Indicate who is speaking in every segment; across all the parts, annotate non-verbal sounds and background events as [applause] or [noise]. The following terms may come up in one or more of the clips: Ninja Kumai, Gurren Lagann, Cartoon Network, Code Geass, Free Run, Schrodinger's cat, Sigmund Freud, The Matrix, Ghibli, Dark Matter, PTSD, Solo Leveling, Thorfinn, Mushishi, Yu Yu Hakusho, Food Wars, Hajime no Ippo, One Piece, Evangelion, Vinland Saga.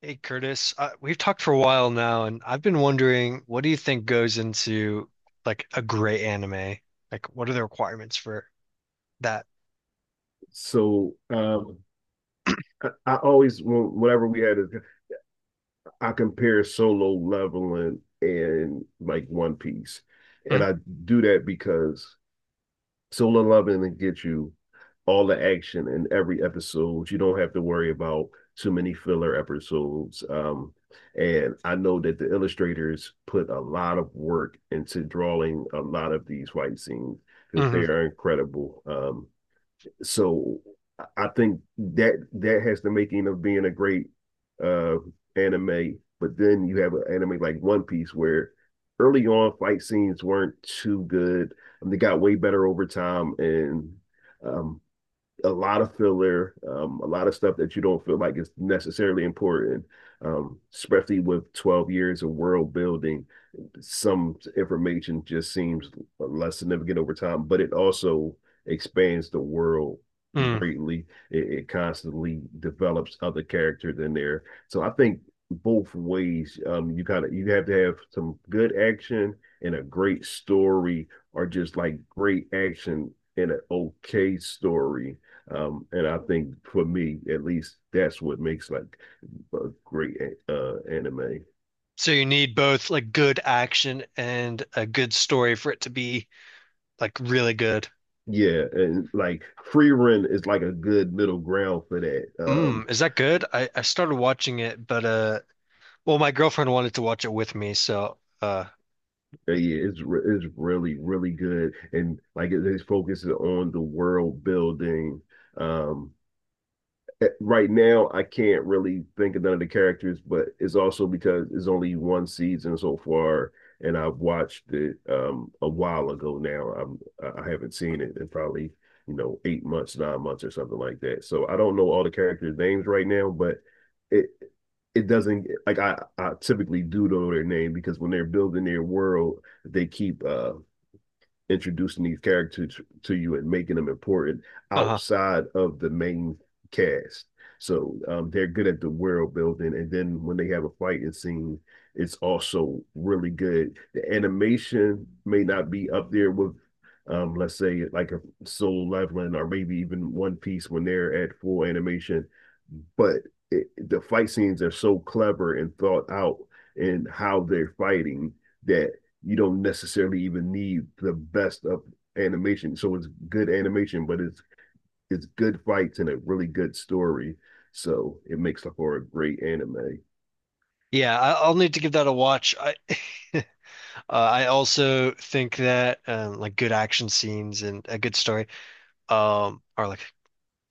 Speaker 1: Hey Curtis, we've talked for a while now, and I've been wondering, what do you think goes into like a great anime? Like, what are the requirements for that?
Speaker 2: So I always whenever we had it, I compare Solo Leveling and like One Piece, and
Speaker 1: Mm,
Speaker 2: I do that because Solo Leveling gets you all the action in every episode. You don't have to worry about too many filler episodes. And I know that the illustrators put a lot of work into drawing a lot of these fight scenes because
Speaker 1: mhm,
Speaker 2: they are incredible. So I think that that has the making of being a great uh anime. But then you have an anime like One Piece where early on fight scenes weren't too good. And they got way better over time and um a lot of filler, a lot of stuff that you don't feel like is necessarily important, especially with 12 years of world building. Some information just seems less significant over time, but it also expands the world
Speaker 1: mm.
Speaker 2: greatly. It constantly develops other characters in there. So I think both ways, you kind of you have to have some good action and a great story, or just like great action in an okay story and I think for me, at least, that's what makes like a great anime.
Speaker 1: So you need both like good action and a good story for it to be like really good.
Speaker 2: Yeah, and like Free Run is like a good middle ground for that.
Speaker 1: Mm, is that good? I started watching it, but well, my girlfriend wanted to watch it with me, so
Speaker 2: Yeah, it's really really good, and like it focuses on the world building. Um, right now I can't really think of none of the characters, but it's also because it's only one season so far, and I've watched it a while ago now. I haven't seen it in probably, you know, 8 months, 9 months or something like that. So I don't know all the characters' names right now, but it it doesn't like I typically do know their name because when they're building their world, they keep introducing these characters to you and making them important
Speaker 1: uh-huh.
Speaker 2: outside of the main cast. So they're good at the world building, and then when they have a fighting scene, it's also really good. The animation may not be up there with, let's say, like a Soul Leveling or maybe even One Piece when they're at full animation, but the fight scenes are so clever and thought out in how they're fighting that you don't necessarily even need the best of animation. So it's good animation, but it's good fights and a really good story. So it makes up for a great anime.
Speaker 1: Yeah, I'll need to give that a watch. I [laughs] I also think that like good action scenes and a good story, are like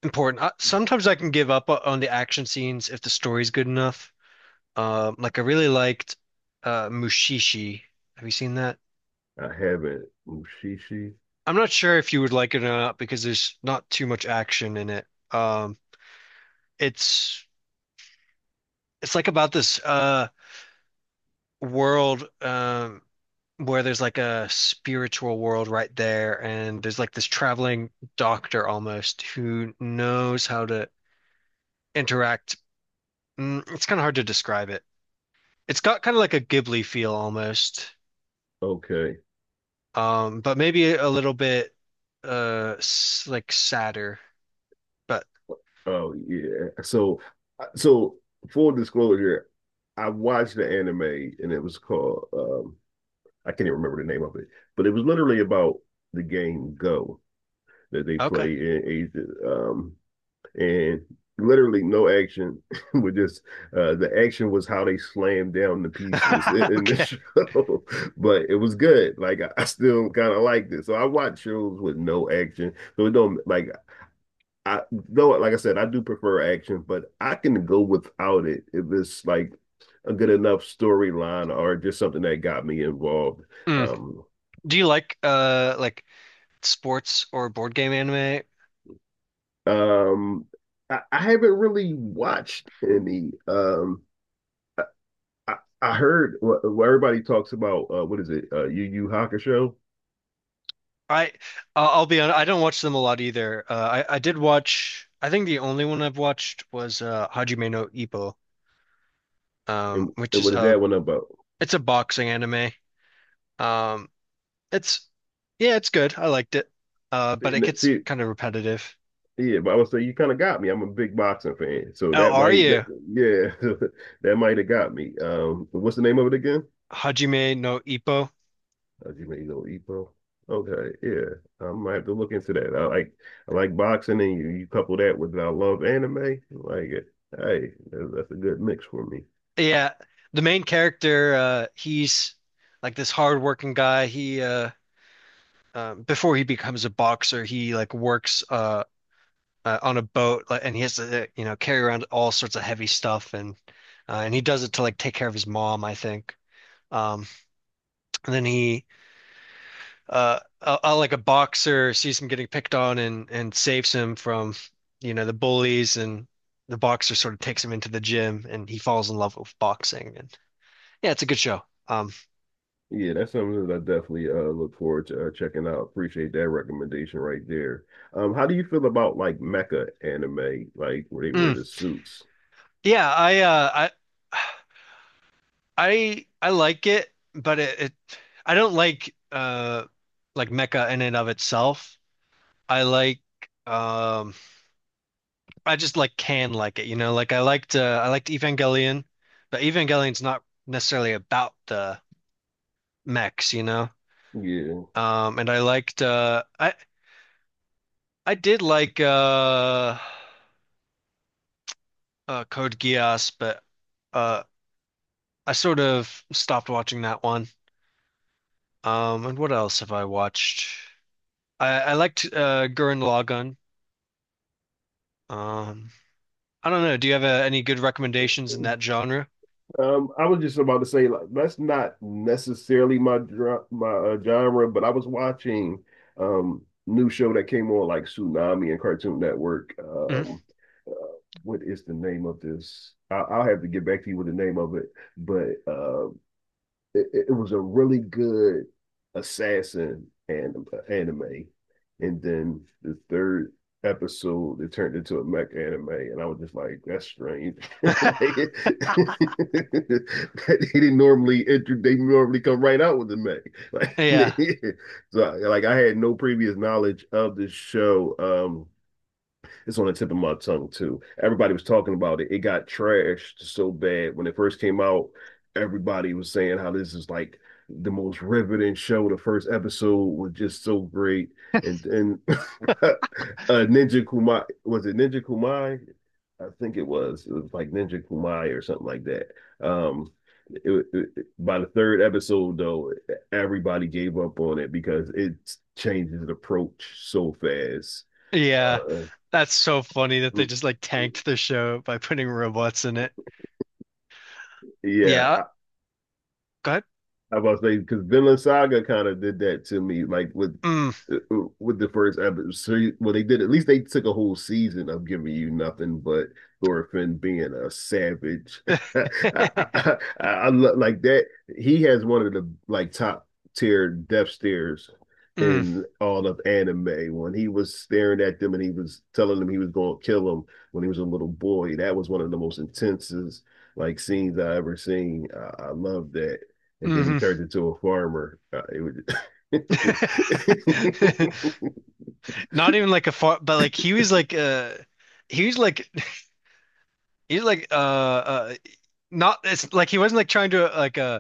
Speaker 1: important. Sometimes I can give up on the action scenes if the story's good enough. Like I really liked Mushishi. Have you seen that?
Speaker 2: I haven't Mushishi.
Speaker 1: I'm not sure if you would like it or not because there's not too much action in it. Um, it's it's like about this world, where there's like a spiritual world right there, and there's like this traveling doctor almost who knows how to interact. Mm, it's kind of hard to describe it. It's got kind of like a Ghibli feel almost,
Speaker 2: Okay.
Speaker 1: but maybe a little bit s like sadder. But
Speaker 2: Oh yeah. So full disclosure, I watched the anime and it was called I can't even remember the name of it, but it was literally about the game Go that they
Speaker 1: okay,
Speaker 2: play in Asia, and literally no action [laughs] with just the action was how they slammed down the pieces [laughs]
Speaker 1: [laughs]
Speaker 2: in the
Speaker 1: okay.
Speaker 2: show [laughs] but it was good like I still kind of liked it so I watch shows with no action so it don't like I though like I said I do prefer action but I can go without it if it's like a good enough storyline or just something that got me involved
Speaker 1: Mm.
Speaker 2: um.
Speaker 1: Do you like sports or board game anime?
Speaker 2: Um, I haven't really watched any. I, I, I heard what everybody talks about. What is it? Yu Yu Hakusho,
Speaker 1: I I'll I'll be honest, I don't watch them a lot either. I did watch. I think the only one I've watched was Hajime no Ippo,
Speaker 2: and
Speaker 1: which
Speaker 2: and
Speaker 1: is
Speaker 2: what is
Speaker 1: a
Speaker 2: that one about?
Speaker 1: it's a boxing anime. Um, it's yeah, it's good. I liked it. But it gets
Speaker 2: See,
Speaker 1: kind of repetitive.
Speaker 2: yeah, but I would say you kind of got me. I'm a big boxing fan, so
Speaker 1: Oh,
Speaker 2: that
Speaker 1: are
Speaker 2: might, that,
Speaker 1: you?
Speaker 2: yeah, [laughs] that might have got me. What's the name of it again?
Speaker 1: Hajime no Ippo.
Speaker 2: Hajime no Ippo. Okay, yeah, I might have to look into that. I like boxing, and you couple that with I love anime. Like, hey, that's a good mix for me.
Speaker 1: Yeah, the main character, he's like this hardworking guy. He before he becomes a boxer, he like works on a boat, like, and he has to you know, carry around all sorts of heavy stuff, and he does it to like take care of his mom, I think. Um, and then he like a boxer sees him getting picked on and saves him from, you know, the bullies, and the boxer sort of takes him into the gym and he falls in love with boxing, and yeah, it's a good show. Um,
Speaker 2: Yeah, that's something that I definitely look forward to checking out. Appreciate that recommendation right there. How do you feel about like mecha anime, like where they wear
Speaker 1: mm.
Speaker 2: the suits?
Speaker 1: Yeah, I I I like it, but it I don't like mecha in and of itself. I like um I just like can like it, you know, like I liked Evangelion, but Evangelion's not necessarily about the mechs, you know.
Speaker 2: Yeah.
Speaker 1: And I liked I did like Code Geass, but uh I sort of stopped watching that one. And what else have I watched? I liked Gurren Lagann. Um I don't know, do you have any good recommendations in that genre?
Speaker 2: I was just about to say like that's not necessarily my genre, but I was watching um new show that came on like Tsunami and Cartoon Network.
Speaker 1: Mhm.
Speaker 2: What is the name of this? I'll have to get back to you with the name of it, but it was a really good anime, and then the third episode it turned into a mech anime, and I was just like, that's strange. [laughs] like, [laughs] they didn't normally they normally come right out with the mech. Like,
Speaker 1: Yeah.
Speaker 2: [laughs] so like I had no previous knowledge of this show. It's on the tip of my tongue too. Everybody was talking about it. It got trashed so bad when it first came out. Everybody was saying how this is like the most riveting show. The first episode was just so great, and [laughs] uh, Ninja Kumai was it Ninja Kumai? I think it was. It was like Ninja Kumai or something like that. Um, it, it, by the third episode, though, everybody gave up on it because it changes the approach so fast.
Speaker 1: Yeah. That's so funny that they
Speaker 2: Uh,
Speaker 1: just like tanked the show by putting robots in it.
Speaker 2: yeah,
Speaker 1: Yeah.
Speaker 2: I,
Speaker 1: Go ahead.
Speaker 2: I was about to say because Vinland Saga kind of did that to me, like with
Speaker 1: Mm.
Speaker 2: with the first episode. So, well, they did at least they took a whole season of giving you nothing but Thorfinn being a savage. [laughs] I, I, I,
Speaker 1: [laughs]
Speaker 2: I love like that. He has one of the like top tier death stares
Speaker 1: Mm.
Speaker 2: in all of anime when he was staring at them and he was telling them he was going to kill him when he was a little boy. That was one of the most intensest like scenes I ever seen. I love that and then he
Speaker 1: Mhm.
Speaker 2: turned into a farmer. [laughs] [laughs]
Speaker 1: [laughs] Not even like a far, but like he was like he was like he was like not it's like he wasn't like trying to like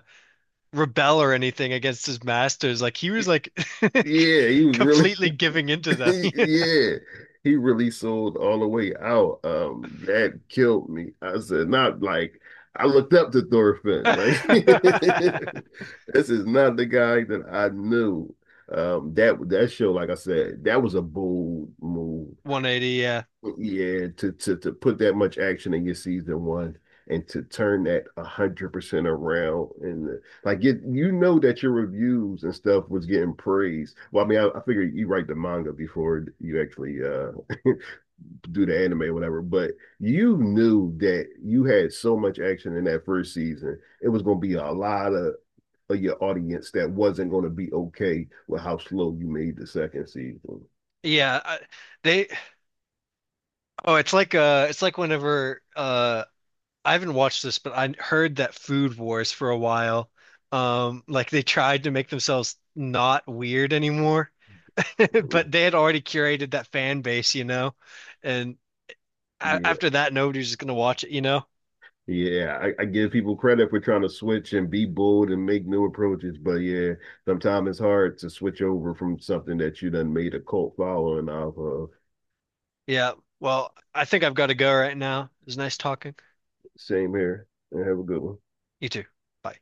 Speaker 1: rebel or anything against his masters, like he was like [laughs]
Speaker 2: yeah, he was really,
Speaker 1: completely giving
Speaker 2: [laughs]
Speaker 1: into them
Speaker 2: yeah, he really sold all the way out. That killed me. I said, not like I looked up to Thorfinn. Like, [laughs]
Speaker 1: 180.
Speaker 2: this is not the guy that I knew. That show, like I said, that was a bold move.
Speaker 1: [laughs] Yeah,
Speaker 2: Yeah, to to put that much action in your season one and to turn that 100% around and the, like it, you know that your reviews and stuff was getting praised. Well, I mean, I figure you write the manga before you actually [laughs] do the anime or whatever, but you knew that you had so much action in that first season, it was going to be a lot of your audience that wasn't going to be okay with how slow you made the second season.
Speaker 1: yeah, they oh it's like whenever I haven't watched this, but I heard that Food Wars for a while. Like they tried to make themselves not weird anymore, [laughs] but
Speaker 2: Mhm.
Speaker 1: they had already curated that fan base, you know. And a
Speaker 2: Yeah,
Speaker 1: after that, nobody's just gonna watch it, you know.
Speaker 2: I give people credit for trying to switch and be bold and make new approaches, but yeah, sometimes it's hard to switch over from something that you done made a cult following off of.
Speaker 1: Yeah. Well, I think I've got to go right now. It was nice talking.
Speaker 2: Same here. And have a good one.
Speaker 1: You too. Bye.